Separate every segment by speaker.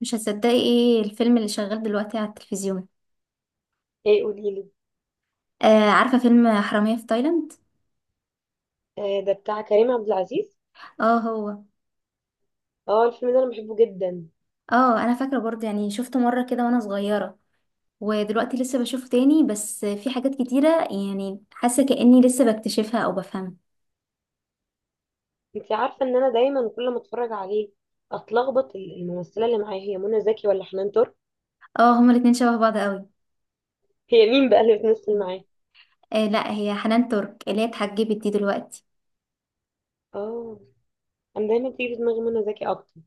Speaker 1: مش هتصدقي ايه الفيلم اللي شغال دلوقتي على التلفزيون؟
Speaker 2: ايه؟ قوليلي.
Speaker 1: آه، عارفة فيلم حرامية في تايلاند.
Speaker 2: آه، ده بتاع كريم عبد العزيز.
Speaker 1: اه هو.
Speaker 2: اه الفيلم ده انا بحبه جدا.
Speaker 1: اه، انا فاكرة برضه يعني شفته مرة كده وانا صغيرة. ودلوقتي لسه بشوفه تاني، بس في حاجات كتيرة يعني حاسة كأني لسه بكتشفها او بفهمها.
Speaker 2: انت عارفه ان انا دايما كل ما اتفرج عليه اتلخبط، الممثله اللي معايا هي منى زكي ولا حنان ترك؟
Speaker 1: اه، هما الاتنين شبه بعض قوي.
Speaker 2: هي مين بقى اللي بتمثل معاه؟
Speaker 1: آه لا، هي حنان ترك اللي هي اتحجبت دي دلوقتي.
Speaker 2: اه، انا دايما تيجي في دماغي منى زكي اكتر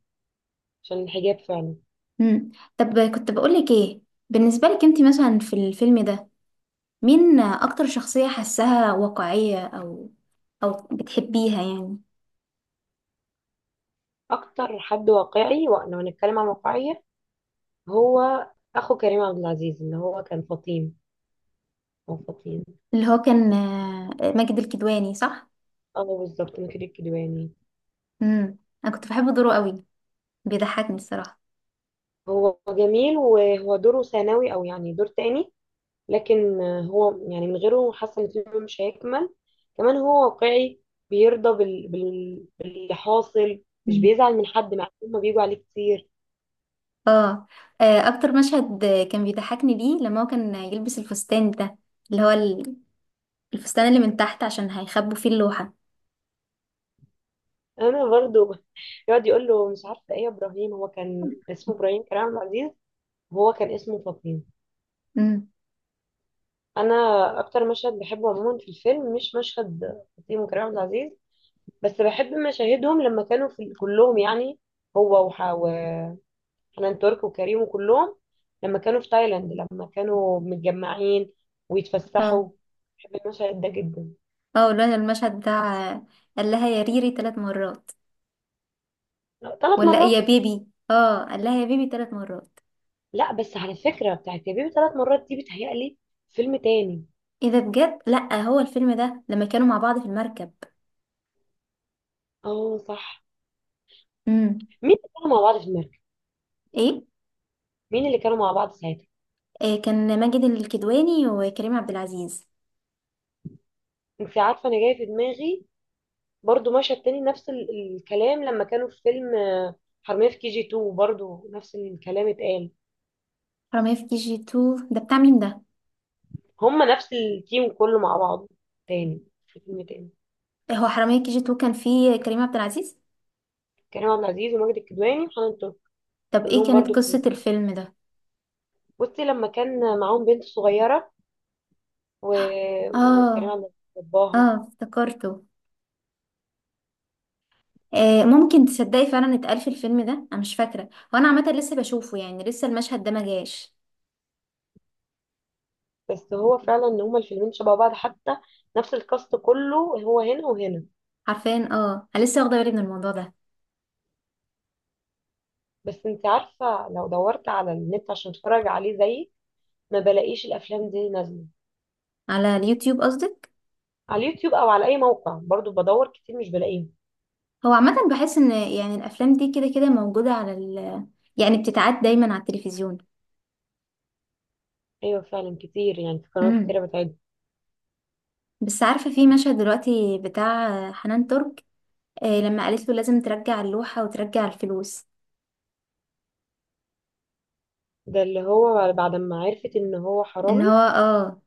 Speaker 2: عشان الحجاب فعلا.
Speaker 1: مم. طب كنت بقولك ايه؟ بالنسبة لك انت مثلا في الفيلم ده، مين اكتر شخصية حاساها واقعية او بتحبيها يعني؟
Speaker 2: اكتر حد واقعي، ولو هنتكلم عن واقعيه، هو اخو كريم عبد العزيز اللي هو كان فطين، او فطين.
Speaker 1: اللي هو كان ماجد الكدواني، صح؟
Speaker 2: اه بالظبط، مكر الكدواني.
Speaker 1: امم. انا كنت بحب دوره قوي. بيضحكني الصراحه.
Speaker 2: هو جميل، وهو دوره ثانوي او يعني دور تاني، لكن هو يعني من غيره حاسة ان الفيلم مش هيكمل. كمان هو واقعي، بيرضى باللي حاصل. مش
Speaker 1: مم.
Speaker 2: بيزعل من حد مع انهم بيجوا عليه كتير.
Speaker 1: اه. اكتر مشهد كان بيضحكني ليه لما هو كان يلبس الفستان ده. اللي هو الفستان اللي من تحت، عشان هيخبوا فيه اللوحه.
Speaker 2: انا برضو يقعد يقول له مش عارفه ايه يا ابراهيم، هو كان اسمه ابراهيم كريم عبد العزيز، وهو كان اسمه فطيم.
Speaker 1: امم.
Speaker 2: انا اكتر مشهد بحبه عموما في الفيلم مش مشهد فطيم وكريم عبد العزيز، بس بحب مشاهدهم لما كانوا في كلهم يعني، هو حنان ترك وكريم وكلهم، لما كانوا في تايلاند، لما كانوا متجمعين
Speaker 1: اه،
Speaker 2: ويتفسحوا. بحب المشهد ده جدا.
Speaker 1: اه، اللي هو المشهد بتاع قال لها يا ريري 3 مرات؟
Speaker 2: ثلاث
Speaker 1: ولا يا
Speaker 2: مرات.
Speaker 1: بيبي؟ اه، قال لها يا بيبي 3 مرات.
Speaker 2: لا بس على فكرة بتاعت يا بيبي ثلاث مرات دي بتهيألي فيلم تاني.
Speaker 1: ايه ده بجد؟ لا، هو الفيلم ده لما كانوا مع بعض في المركب.
Speaker 2: اه صح.
Speaker 1: امم.
Speaker 2: مين اللي كانوا مع بعض في المركب؟
Speaker 1: ايه؟
Speaker 2: مين اللي كانوا مع بعض ساعتها؟
Speaker 1: كان ماجد الكدواني وكريم عبد العزيز.
Speaker 2: انت عارفة انا جاية في دماغي برضو مشهد تاني نفس الكلام، لما كانوا في فيلم حرامية في كي جي 2، برضو نفس الكلام اتقال.
Speaker 1: حرامية في كي جي 2 ده بتاع مين ده؟
Speaker 2: هما نفس التيم كله مع بعض تاني، في فيلم تاني.
Speaker 1: هو حرامية في كي جي 2 كان فيه كريم عبد العزيز.
Speaker 2: كريم عبد العزيز وماجد الكدواني وحنان ترك.
Speaker 1: طب ايه
Speaker 2: كلهم برضو
Speaker 1: كانت
Speaker 2: كانوا،
Speaker 1: قصة الفيلم ده؟
Speaker 2: بصي لما كان معاهم بنت صغيرة و... وكريم
Speaker 1: اه.
Speaker 2: عبد العزيز
Speaker 1: اه،
Speaker 2: باباها.
Speaker 1: افتكرته. آه، ممكن تصدقي فعلا اتقال في الفيلم ده، انا مش فاكرة، وانا عامة لسه بشوفه يعني، لسه المشهد ده ما جاش.
Speaker 2: بس هو فعلا ان هما الفيلمين شبه بعض حتى، نفس الكاست كله هو هنا وهنا.
Speaker 1: عارفين، انا لسه واخدة بالي من الموضوع ده.
Speaker 2: بس انت عارفة، لو دورت على النت عشان اتفرج عليه زيي ما بلاقيش الافلام دي نازلة.
Speaker 1: على اليوتيوب قصدك؟
Speaker 2: على اليوتيوب او على اي موقع برضو بدور كتير مش بلاقيهم.
Speaker 1: هو عامة بحس ان يعني الافلام دي كده كده موجودة على ال، يعني بتتعاد دايما على التلفزيون.
Speaker 2: ايوه فعلا كتير، يعني في قنوات
Speaker 1: مم.
Speaker 2: كتيرة بتعد.
Speaker 1: بس عارفة في مشهد دلوقتي بتاع حنان ترك، لما قالت له لازم ترجع اللوحة وترجع الفلوس،
Speaker 2: ده اللي هو بعد ما عرفت ان هو
Speaker 1: ان هو،
Speaker 2: حرامي.
Speaker 1: اه.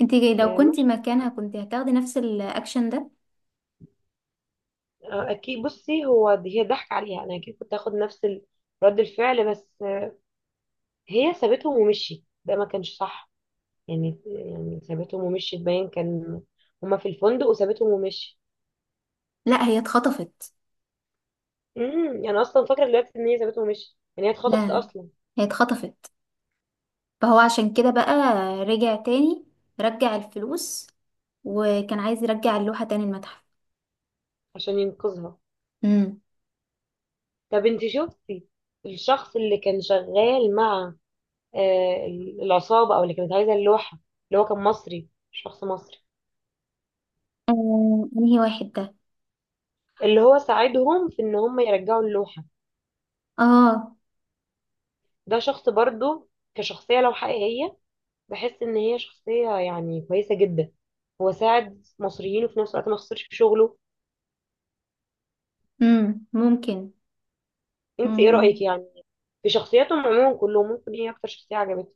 Speaker 1: انت لو
Speaker 2: آه،
Speaker 1: كنت مكانها كنت هتاخدي نفس الاكشن ده؟
Speaker 2: اكيد، بصي هو هي ضحك عليها، انا اكيد كنت هاخد نفس رد الفعل، بس هي سابتهم ومشيت، ده ما كانش صح. يعني سابتهم ومشيت، باين كان هما في الفندق وسابتهم ومشيت.
Speaker 1: لا، هي اتخطفت.
Speaker 2: امم، انا اصلا فاكره دلوقتي ان هي سابتهم ومشيت، يعني هي
Speaker 1: لا
Speaker 2: اتخطفت
Speaker 1: لا،
Speaker 2: اصلا.
Speaker 1: هي اتخطفت. فهو عشان كده بقى رجع تاني، رجع الفلوس، وكان عايز يرجع اللوحة تاني المتحف.
Speaker 2: عشان ينقذها.
Speaker 1: امم.
Speaker 2: طب انت شفتي الشخص اللي كان شغال مع آه، العصابه او اللي كانت عايزه اللوحه، اللي هو كان مصري، شخص مصري،
Speaker 1: آه، انهي واحد ده؟
Speaker 2: اللي هو ساعدهم في ان هم يرجعوا اللوحه؟
Speaker 1: اه.
Speaker 2: ده شخص برضو، كشخصية لو حقيقية، بحس ان هي شخصية يعني كويسة جدا. هو ساعد مصريين وفي نفس الوقت ما خسرش في شغله.
Speaker 1: امم، ممكن.
Speaker 2: انت ايه رأيك يعني في شخصياتهم عموما كلهم؟ ممكن ايه اكتر شخصية عجبتك؟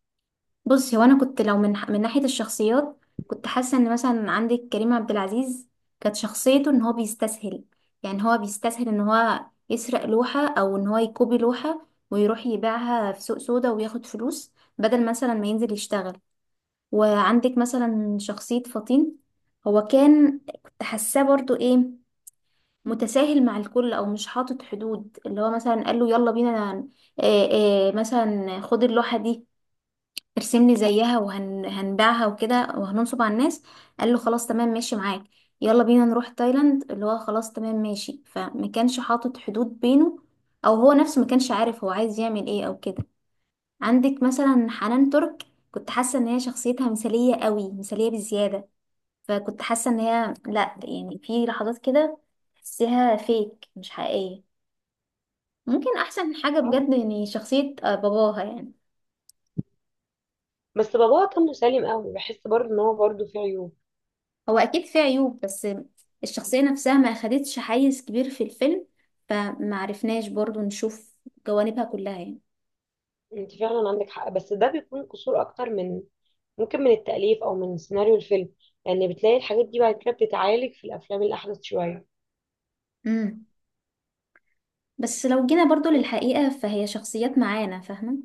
Speaker 1: بصي، هو انا كنت لو من ناحيه الشخصيات، كنت حاسه ان مثلا عندك كريم عبد العزيز كانت شخصيته ان هو بيستسهل، يعني هو بيستسهل ان هو يسرق لوحه او ان هو يكوبي لوحه ويروح يبيعها في سوق سودا وياخد فلوس، بدل مثلا ما ينزل يشتغل. وعندك مثلا شخصيه فطين، هو كان، كنت حاساه برضو ايه، متساهل مع الكل او مش حاطط حدود. اللي هو مثلا قال له يلا بينا، مثلا خد اللوحه دي ترسم لي زيها وهنبيعها وكده وهننصب على الناس، قال له خلاص تمام ماشي معاك. يلا بينا نروح تايلاند، اللي هو خلاص تمام ماشي، فما كانش حاطط حدود بينه، او هو نفسه ما كانش عارف هو عايز يعمل ايه او كده. عندك مثلا حنان ترك، كنت حاسه ان هي شخصيتها مثاليه قوي، مثاليه بزياده، فكنت حاسه ان هي، لا يعني، في لحظات كده تحسيها فيك مش حقيقيه. ممكن احسن حاجه
Speaker 2: عارف؟
Speaker 1: بجد يعني شخصيه باباها يعني.
Speaker 2: بس باباها كان مسالم قوي، بحس برضو ان هو برضو فيه عيوب.
Speaker 1: هو اكيد فيه عيوب، بس الشخصية نفسها ما اخدتش حيز كبير في الفيلم، فما عرفناش برضو نشوف جوانبها كلها يعني.
Speaker 2: انت فعلا عندك حق، بس ده بيكون قصور اكتر من، ممكن من التأليف او من سيناريو الفيلم. يعني بتلاقي الحاجات دي بعد كده بتتعالج في الافلام الاحدث شوية.
Speaker 1: امم. بس لو جينا برضو للحقيقة، فهي شخصيات معانا، فاهمة.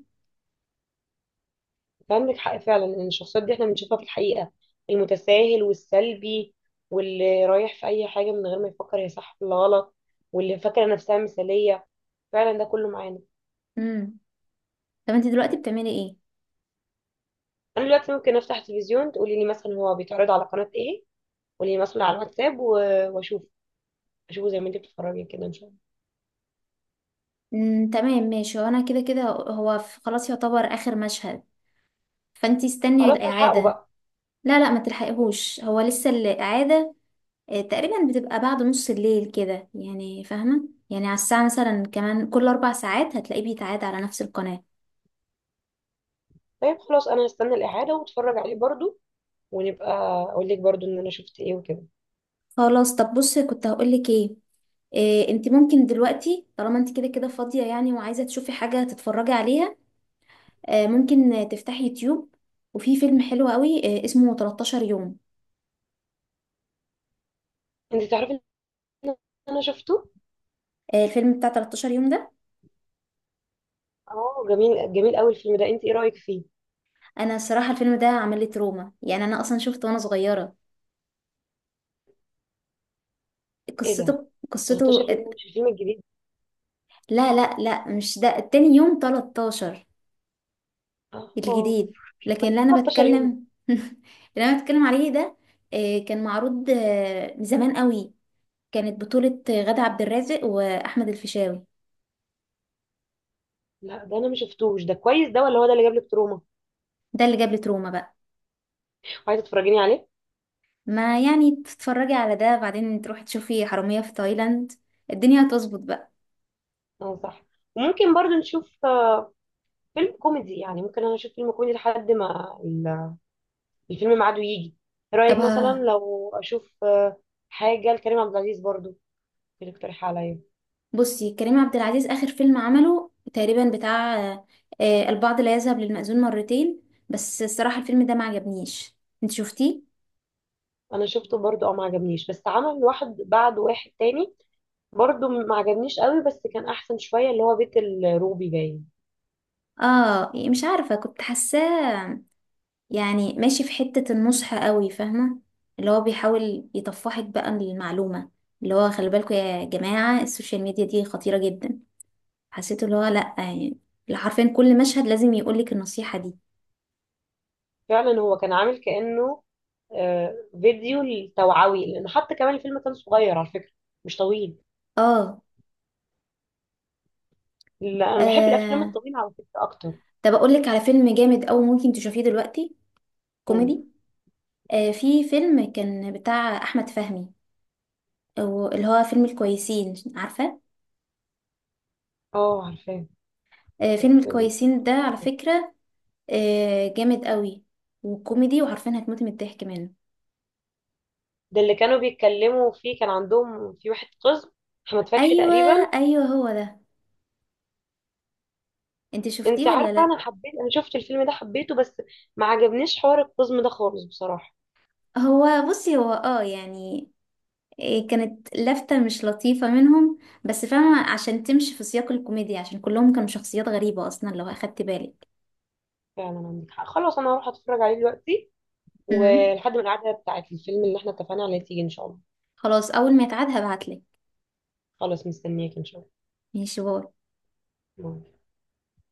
Speaker 2: عندك حق فعلا ان الشخصيات دي احنا بنشوفها في الحقيقة، المتساهل والسلبي واللي رايح في اي حاجة من غير ما يفكر هي صح ولا غلط واللي فاكرة نفسها مثالية. فعلا ده كله معانا.
Speaker 1: امم. طب انت دلوقتي بتعملي ايه؟
Speaker 2: انا دلوقتي ممكن افتح تلفزيون، تقولي لي مثلا هو بيتعرض على قناة ايه، قولي لي مثلا على الواتساب واشوف، اشوفه زي ما انت بتتفرجي كده ان شاء الله.
Speaker 1: امم، تمام، ماشي. وانا كده كده هو خلاص يعتبر اخر مشهد، فانت استني
Speaker 2: خلاص
Speaker 1: الاعادة.
Speaker 2: هلحقه بقى.
Speaker 1: لا لا، ما تلحقيهوش، هو لسه الاعادة تقريبا بتبقى بعد نص الليل كده يعني، فاهمة؟ يعني على الساعة مثلا، كمان كل 4 ساعات هتلاقيه بيتعاد على نفس القناة.
Speaker 2: طيب خلاص، انا هستنى الاعادة واتفرج عليه برضو، ونبقى اقول لك برضو ان انا شفت ايه وكده.
Speaker 1: خلاص. طب بصي، كنت هقولك ايه، إيه انت ممكن دلوقتي طالما انت كده كده فاضية يعني، وعايزة تشوفي حاجة تتفرجي عليها، ممكن تفتحي يوتيوب. وفي فيلم حلو قوي اسمه 13 يوم.
Speaker 2: انت تعرفي ان انا شفته.
Speaker 1: الفيلم بتاع 13 يوم ده،
Speaker 2: اه جميل، جميل قوي الفيلم ده. انت ايه رايك فيه؟
Speaker 1: انا الصراحة الفيلم ده عمل لي تروما يعني. انا اصلا شفته وانا صغيرة.
Speaker 2: ايه
Speaker 1: قصته
Speaker 2: ده؟
Speaker 1: قصته
Speaker 2: 13 يوم مش الفيلم الجديد؟
Speaker 1: لا لا لا، مش ده، التاني يوم 13
Speaker 2: اه.
Speaker 1: الجديد.
Speaker 2: ما
Speaker 1: لكن
Speaker 2: ايه
Speaker 1: اللي انا
Speaker 2: 13 يوم ده؟
Speaker 1: بتكلم اللي انا بتكلم عليه ده كان معروض من زمان قوي. كانت بطولة غادة عبد الرازق واحمد الفيشاوي.
Speaker 2: لا ده انا ما شفتوش، ده كويس ده ولا هو ده اللي جاب لك تروما؟
Speaker 1: ده اللي جاب لي تروما بقى.
Speaker 2: وعايزه تتفرجيني عليه؟
Speaker 1: ما يعني تتفرجي على ده، بعدين تروحي تشوفي حرامية في تايلاند، الدنيا هتظبط بقى.
Speaker 2: اه صح. وممكن برضو نشوف فيلم كوميدي، يعني ممكن انا اشوف فيلم كوميدي لحد ما الفيلم ميعاده يجي. ايه رايك
Speaker 1: طب
Speaker 2: مثلا لو اشوف حاجه لكريم عبد العزيز برضو، اللي اقترح عليا؟
Speaker 1: بصي، كريم عبد العزيز اخر فيلم عمله تقريبا بتاع البعض لا يذهب للمأذون مرتين. بس الصراحة الفيلم ده ما عجبنيش. انت شفتيه؟
Speaker 2: انا شفته برضو، اه ما عجبنيش، بس عمل واحد بعد واحد تاني برضو ما عجبنيش قوي، بس كان احسن شويه اللي هو بيت الروبي باين.
Speaker 1: اه، مش عارفة، كنت حاساه يعني ماشي في حتة النصح قوي، فاهمة؟ اللي هو بيحاول يطفحك بقى المعلومة، اللي هو خلي بالكم يا جماعة السوشيال ميديا دي خطيرة جدا. حسيت اللي هو لأ يعني، اللي حرفيا كل مشهد لازم يقولك النصيحة دي.
Speaker 2: فعلا هو كان عامل كانه آه، فيديو التوعوي، لان حتى كمان الفيلم كان صغير على فكره، مش طويل.
Speaker 1: اه.
Speaker 2: لا انا بحب الافلام
Speaker 1: آه،
Speaker 2: الطويله على فكره اكتر.
Speaker 1: طب أقولك على فيلم جامد أوي ممكن تشوفيه دلوقتي،
Speaker 2: قول.
Speaker 1: كوميدي. في فيلم كان بتاع أحمد فهمي، أو اللي هو فيلم الكويسين، عارفة؟
Speaker 2: اه عارفاه.
Speaker 1: آه،
Speaker 2: بس
Speaker 1: فيلم الكويسين ده على فكرة جامد قوي وكوميدي، وعارفين هتموت من الضحك منه.
Speaker 2: ده اللي كانوا بيتكلموا فيه كان عندهم في واحد قزم، احمد فتحي
Speaker 1: ايوه.
Speaker 2: تقريبا.
Speaker 1: ايوه هو ده. انت شفتيه
Speaker 2: انت
Speaker 1: ولا
Speaker 2: عارفه
Speaker 1: لا؟
Speaker 2: انا حبيت، انا شفت الفيلم ده حبيته، بس ما عجبنيش حوار القزم ده خالص بصراحه.
Speaker 1: هو بصي، هو يعني إيه، كانت لفتة مش لطيفة منهم. بس فاهمة، عشان تمشي في سياق الكوميديا، عشان كلهم كانوا شخصيات غريبة اصلا لو اخدت بالك.
Speaker 2: فعلا عندك حق. خلاص انا هروح اتفرج عليه دلوقتي،
Speaker 1: امم.
Speaker 2: ولحد ما القعده بتاعت الفيلم اللي احنا اتفقنا عليه تيجي ان شاء الله.
Speaker 1: خلاص، اول ما يتعاد هبعتلك.
Speaker 2: خلاص مستنياك ان شاء
Speaker 1: ماشي، باي.
Speaker 2: الله.